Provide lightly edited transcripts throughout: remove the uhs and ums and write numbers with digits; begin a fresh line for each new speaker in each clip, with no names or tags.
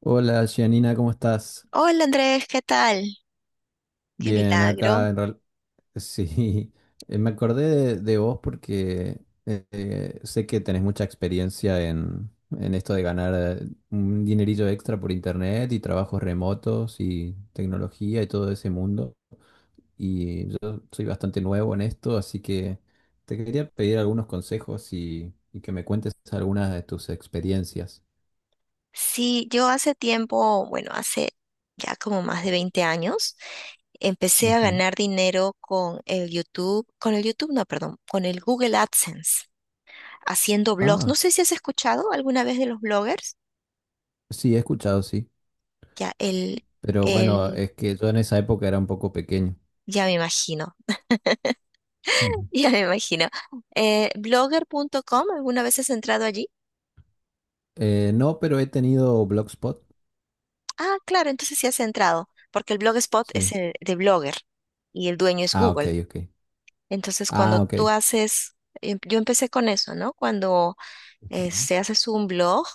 Hola, Gianina, ¿cómo estás?
Hola Andrés, ¿qué tal? Qué
Bien,
milagro.
acá en real... Sí, me acordé de vos porque sé que tenés mucha experiencia en esto de ganar un dinerillo extra por internet y trabajos remotos y tecnología y todo ese mundo. Y yo soy bastante nuevo en esto, así que te quería pedir algunos consejos y que me cuentes algunas de tus experiencias.
Sí, yo hace tiempo, bueno, hace ya como más de 20 años, empecé a
Ujú.
ganar dinero con el YouTube, no, perdón, con el Google AdSense, haciendo blogs. No
Ah,
sé si has escuchado alguna vez de los bloggers.
sí, he escuchado, sí.
Ya,
Pero bueno,
el,
es que yo en esa época era un poco pequeño.
ya me imagino,
Ujú.
ya me imagino. Blogger punto com, ¿alguna vez has entrado allí?
No, pero he tenido Blogspot.
Ah, claro, entonces sí has entrado, porque el Blogspot es
Sí.
el de Blogger y el dueño es
Ah, ok,
Google.
ok.
Entonces, cuando
Ah, ok.
tú haces, yo empecé con eso, ¿no? Cuando
Ujú.
se haces un blog,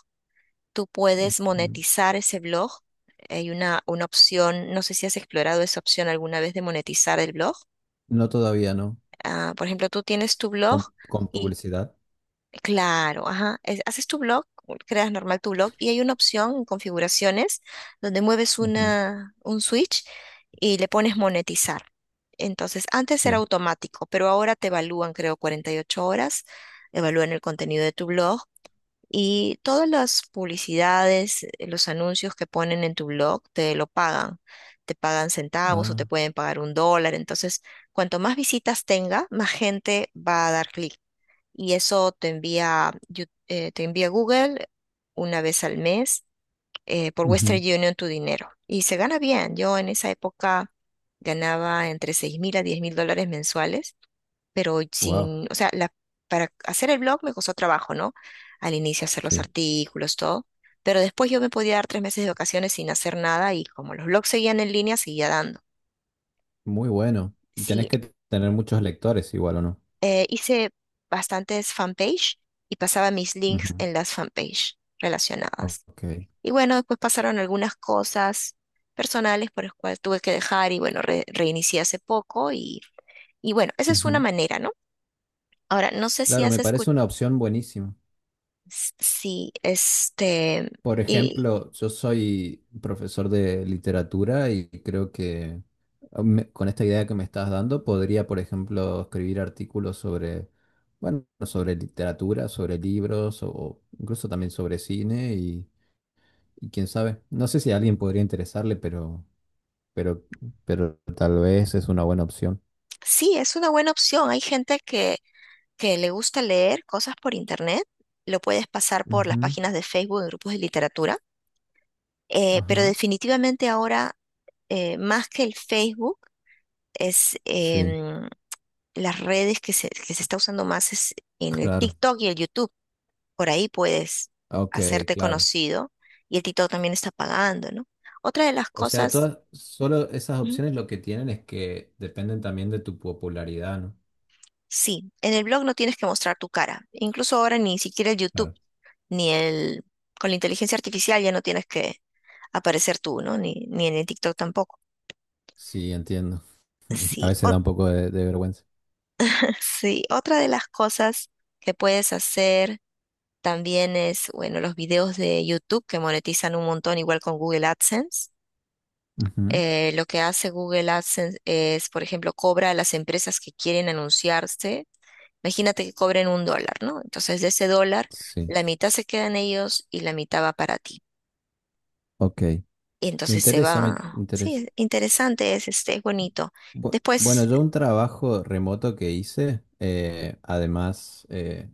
tú puedes
Ujú.
monetizar ese blog. Hay una opción, no sé si has explorado esa opción alguna vez de monetizar el blog.
No todavía, ¿no?
Ah, por ejemplo, tú tienes tu blog.
Con
y
publicidad.
Claro, ajá. Haces tu blog, creas normal tu blog y hay una opción en configuraciones donde mueves
Ujú.
un switch y le pones monetizar. Entonces, antes era
Sí.
automático, pero ahora te evalúan, creo, 48 horas, evalúan el contenido de tu blog y todas las publicidades, los anuncios que ponen en tu blog te lo pagan. Te pagan centavos o te
Ah.
pueden pagar un dólar. Entonces, cuanto más visitas tenga, más gente va a dar clic y eso te envía, te envía Google una vez al mes por Western Union tu dinero. Y se gana bien. Yo en esa época ganaba entre 6000 a 10.000 dólares mensuales, pero
Wow.
sin, o sea, para hacer el blog me costó trabajo, ¿no? Al inicio hacer los
Sí.
artículos, todo. Pero después yo me podía dar 3 meses de vacaciones sin hacer nada y como los blogs seguían en línea, seguía dando.
Muy bueno. Tenés
Sí,
que t- tener muchos lectores igual, ¿o no?
hice bastantes fanpage y pasaba mis links
Ujú.
en las fanpage relacionadas.
Ok.
Y bueno, después pasaron algunas cosas personales por las cuales tuve que dejar y bueno, reinicié hace poco y bueno, esa es una
Ujú.
manera, ¿no? Ahora, no sé si
Claro,
has
me parece
escuchado,
una opción buenísima.
si este,
Por
y
ejemplo, yo soy profesor de literatura y creo que con esta idea que me estás dando podría, por ejemplo, escribir artículos sobre, bueno, sobre literatura, sobre libros o incluso también sobre cine y quién sabe. No sé si a alguien podría interesarle, pero, pero tal vez es una buena opción.
sí, es una buena opción. Hay gente que le gusta leer cosas por internet, lo puedes pasar por las
Ujú,
páginas de Facebook, en grupos de literatura. Pero
ajá.
definitivamente ahora más que el Facebook, es
Sí,
las redes que se está usando más es en el
claro.
TikTok y el YouTube. Por ahí puedes
Ok,
hacerte
claro.
conocido y el TikTok también está pagando, ¿no? Otra de las
O sea,
cosas,
todas, solo esas
ujú,
opciones lo que tienen es que dependen también de tu popularidad, ¿no?
sí, en el blog no tienes que mostrar tu cara. Incluso ahora ni siquiera el YouTube,
Claro.
ni el, con la inteligencia artificial ya no tienes que aparecer tú, ¿no? Ni en el TikTok tampoco.
Sí, entiendo. A
Sí,
veces da un poco de vergüenza.
sí, otra de las cosas que puedes hacer también es, bueno, los videos de YouTube que monetizan un montón, igual con Google AdSense.
Ujú,
Lo que hace Google AdSense es, por ejemplo, cobra a las empresas que quieren anunciarse. Imagínate que cobren un dólar, ¿no? Entonces, de ese dólar,
sí,
la mitad se quedan ellos y la mitad va para ti.
ok.
Y
Me
entonces se
interesa, me
va. Sí,
interesa.
es interesante, este, es bonito.
Bueno,
Después,
yo un trabajo remoto que hice, además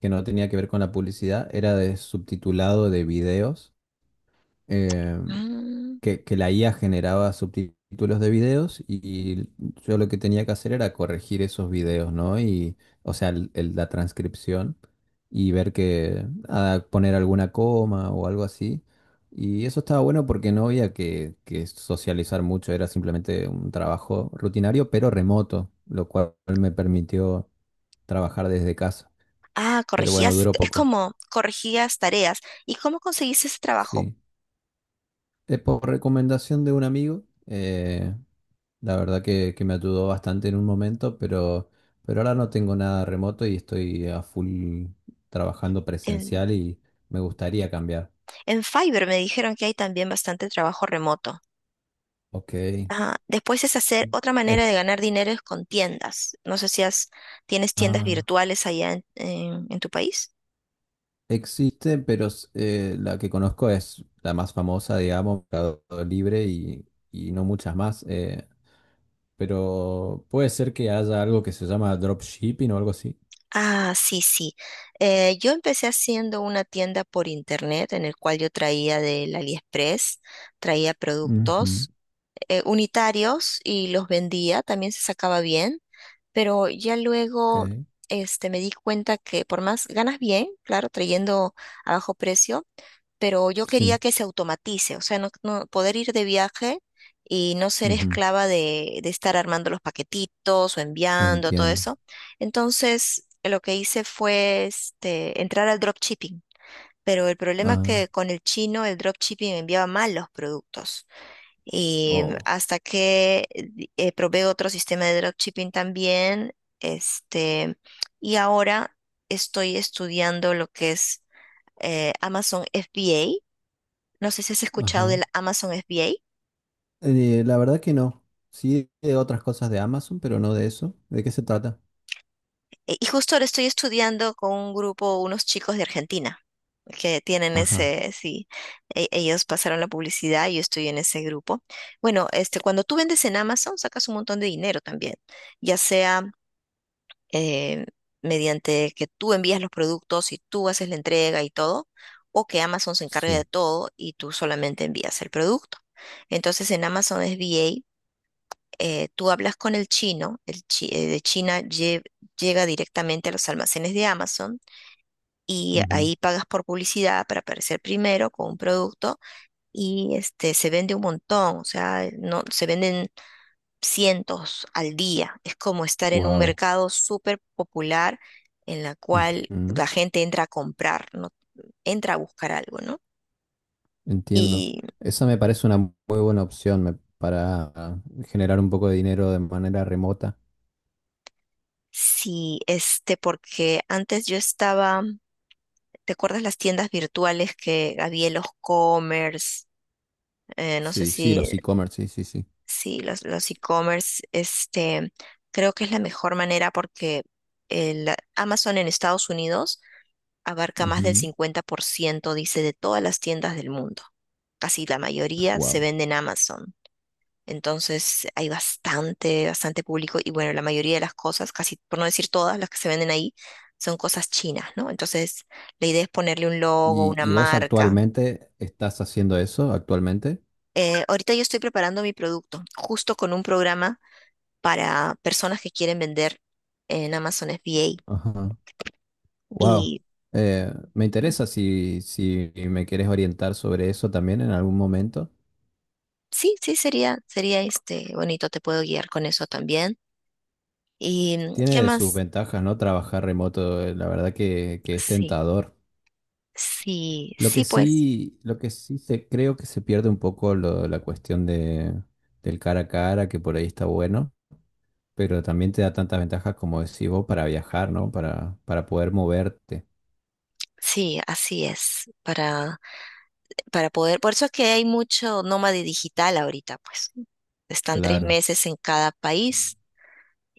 que no tenía que ver con la publicidad, era de subtitulado de videos. em,
mm,
que la IA generaba subtítulos de videos y yo lo que tenía que hacer era corregir esos videos, ¿no? Y, o sea, la transcripción y ver que, ah, poner alguna coma o algo así. Y eso estaba bueno porque no había que socializar mucho, era simplemente un trabajo rutinario, pero remoto, lo cual me permitió trabajar desde casa. Pero bueno,
corregías,
duró
es
poco,
como corregías tareas. ¿Y cómo conseguís ese trabajo?
sí. Es por recomendación de un amigo, la verdad que me ayudó bastante en un momento, pero ahora no tengo nada remoto y estoy a full trabajando presencial y me gustaría cambiar.
En Fiverr me dijeron que hay también bastante trabajo remoto.
Ok.
Ajá. Después es hacer otra
Es-
manera de ganar dinero es con tiendas. No sé si tienes tiendas
ah,
virtuales allá en tu país.
existe, pero la que conozco es la más famosa, digamos, Mercado Libre y no muchas más. Eh, pero puede ser que haya algo que se llama dropshipping o algo así.
Ah, sí, sí. Yo empecé haciendo una tienda por internet en el cual yo traía del AliExpress, traía
Ujú,
productos unitarios y los vendía. También se sacaba bien, pero ya luego
ok,
este, me di cuenta que por más ganas bien, claro, trayendo a bajo precio pero yo quería
sí.
que se automatice, o sea, no, poder ir de viaje y no ser
Ujú,
esclava de estar armando los paquetitos o enviando todo
entiendo.
eso. Entonces, lo que hice fue este, entrar al dropshipping. Pero el problema es
Ah,
que con el chino el dropshipping enviaba mal los productos. Y
oh,
hasta que probé otro sistema de dropshipping también, este, y ahora estoy estudiando lo que es Amazon FBA, no sé si has escuchado
ajá.
del Amazon FBA.
La verdad que no. Sí, de otras cosas de Amazon, pero no de eso. ¿De qué se trata?
Y justo ahora estoy estudiando con un grupo, unos chicos de Argentina, que tienen
Ajá,
ese, sí, ellos pasaron la publicidad y yo estoy en ese grupo. Bueno, este, cuando tú vendes en Amazon, sacas un montón de dinero también, ya sea eh, mediante que tú envías los productos y tú haces la entrega y todo, o que Amazon se encargue de
sí.
todo y tú solamente envías el producto. Entonces en Amazon FBA tú hablas con el chino, de China llega directamente a los almacenes de Amazon y ahí pagas por publicidad para aparecer primero con un producto y este, se vende un montón, o sea, no, se venden cientos al día. Es como estar en un
Wow.
mercado súper popular en la cual la gente entra a comprar, no entra a buscar algo, ¿no?
Entiendo.
Y
Esa me parece una muy buena opción para generar un poco de dinero de manera remota.
sí, este, porque antes yo estaba. ¿Te acuerdas las tiendas virtuales que había en los commerce? No sé
Sí, sí,
si,
los e-commerce, sí, sí, sí.
si los e-commerce, este, creo que es la mejor manera porque el Amazon en Estados Unidos abarca más del 50%, dice, de todas las tiendas del mundo. Casi la mayoría se
Wow.
vende en Amazon. Entonces hay bastante, bastante público y bueno, la mayoría de las cosas, casi por no decir todas las que se venden ahí, son cosas chinas, ¿no? Entonces la idea es ponerle un logo, una
Y vos
marca.
actualmente estás haciendo eso actualmente?
Ahorita yo estoy preparando mi producto, justo con un programa para personas que quieren vender en Amazon FBA.
Ajá. Wow.
Y
Me
mm,
interesa si, si me quieres orientar sobre eso también en algún momento.
sí, sí, sería este bonito, te puedo guiar con eso también. ¿Y qué
Tiene sus
más?
ventajas, ¿no? Trabajar remoto, la verdad que es
Sí,
tentador.
sí,
Lo
sí,
que
pues,
sí, creo que se pierde un poco la cuestión de, del cara a cara, que por ahí está bueno, pero también te da tantas ventajas como decís vos para viajar, ¿no? Para poder moverte,
sí, así es. Para poder, por eso es que hay mucho nómade digital ahorita, pues. Están tres
claro.
meses en cada país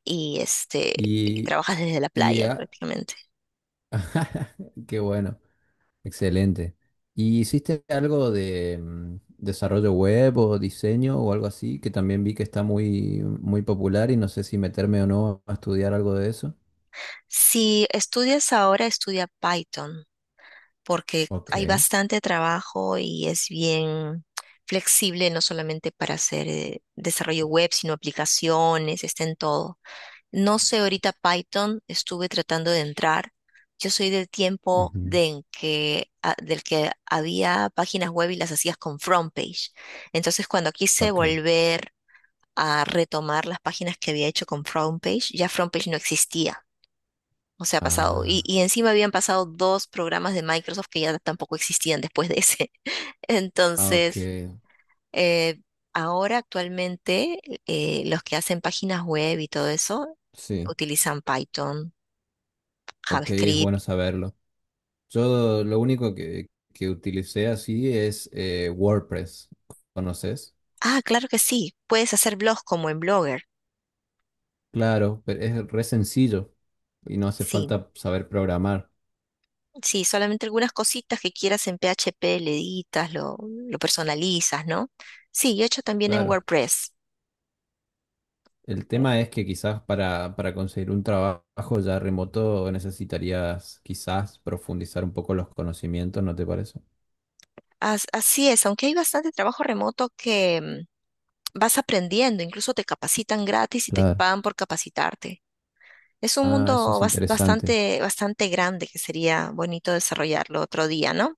y este, y
Y,
trabajas desde la
y
playa
a-
prácticamente.
qué bueno. Excelente. ¿Y hiciste algo de desarrollo web o diseño o algo así? Que también vi que está muy, muy popular y no sé si meterme o no a estudiar algo de eso.
Si estudias ahora, estudia Python, porque
Ok.
hay bastante trabajo y es bien flexible, no solamente para hacer desarrollo web, sino aplicaciones, está en todo. No sé ahorita Python, estuve tratando de entrar. Yo soy del tiempo
Ujú,
de en que, del que había páginas web y las hacías con front page. Entonces, cuando quise
ok.
volver a retomar las páginas que había hecho con front page, ya front page no existía. O sea, ha pasado. Y,
Ah,
y encima habían pasado dos programas de Microsoft que ya tampoco existían después de ese.
ah, ok.
Entonces, eh, ahora actualmente los que hacen páginas web y todo eso
Sí.
utilizan Python,
Ok, es
JavaScript.
bueno saberlo. Yo lo único que utilicé así es WordPress. ¿Conoces?
Ah, claro que sí. Puedes hacer blogs como en Blogger.
Claro, pero es re sencillo y no hace
Sí,
falta saber programar.
sí, solamente algunas cositas que quieras en PHP le editas, lo personalizas, ¿no? Sí, yo he hecho también en
Claro.
WordPress.
El tema es que quizás para conseguir un trabajo ya remoto necesitarías quizás profundizar un poco los conocimientos, ¿no te parece?
Así es, aunque hay bastante trabajo remoto que... vas aprendiendo, incluso te capacitan gratis y te
Claro.
pagan por capacitarte. Es un
Ah, eso
mundo
es interesante.
bastante, bastante grande que sería bonito desarrollarlo otro día, ¿no?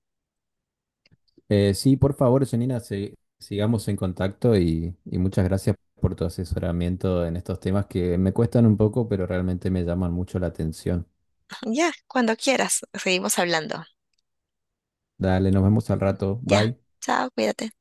Sí, por favor, Janina, sigamos en contacto y muchas gracias por tu asesoramiento en estos temas que me cuestan un poco, pero realmente me llaman mucho la atención.
Ya, cuando quieras, seguimos hablando.
Dale, nos vemos al rato.
Ya,
Bye.
chao, cuídate.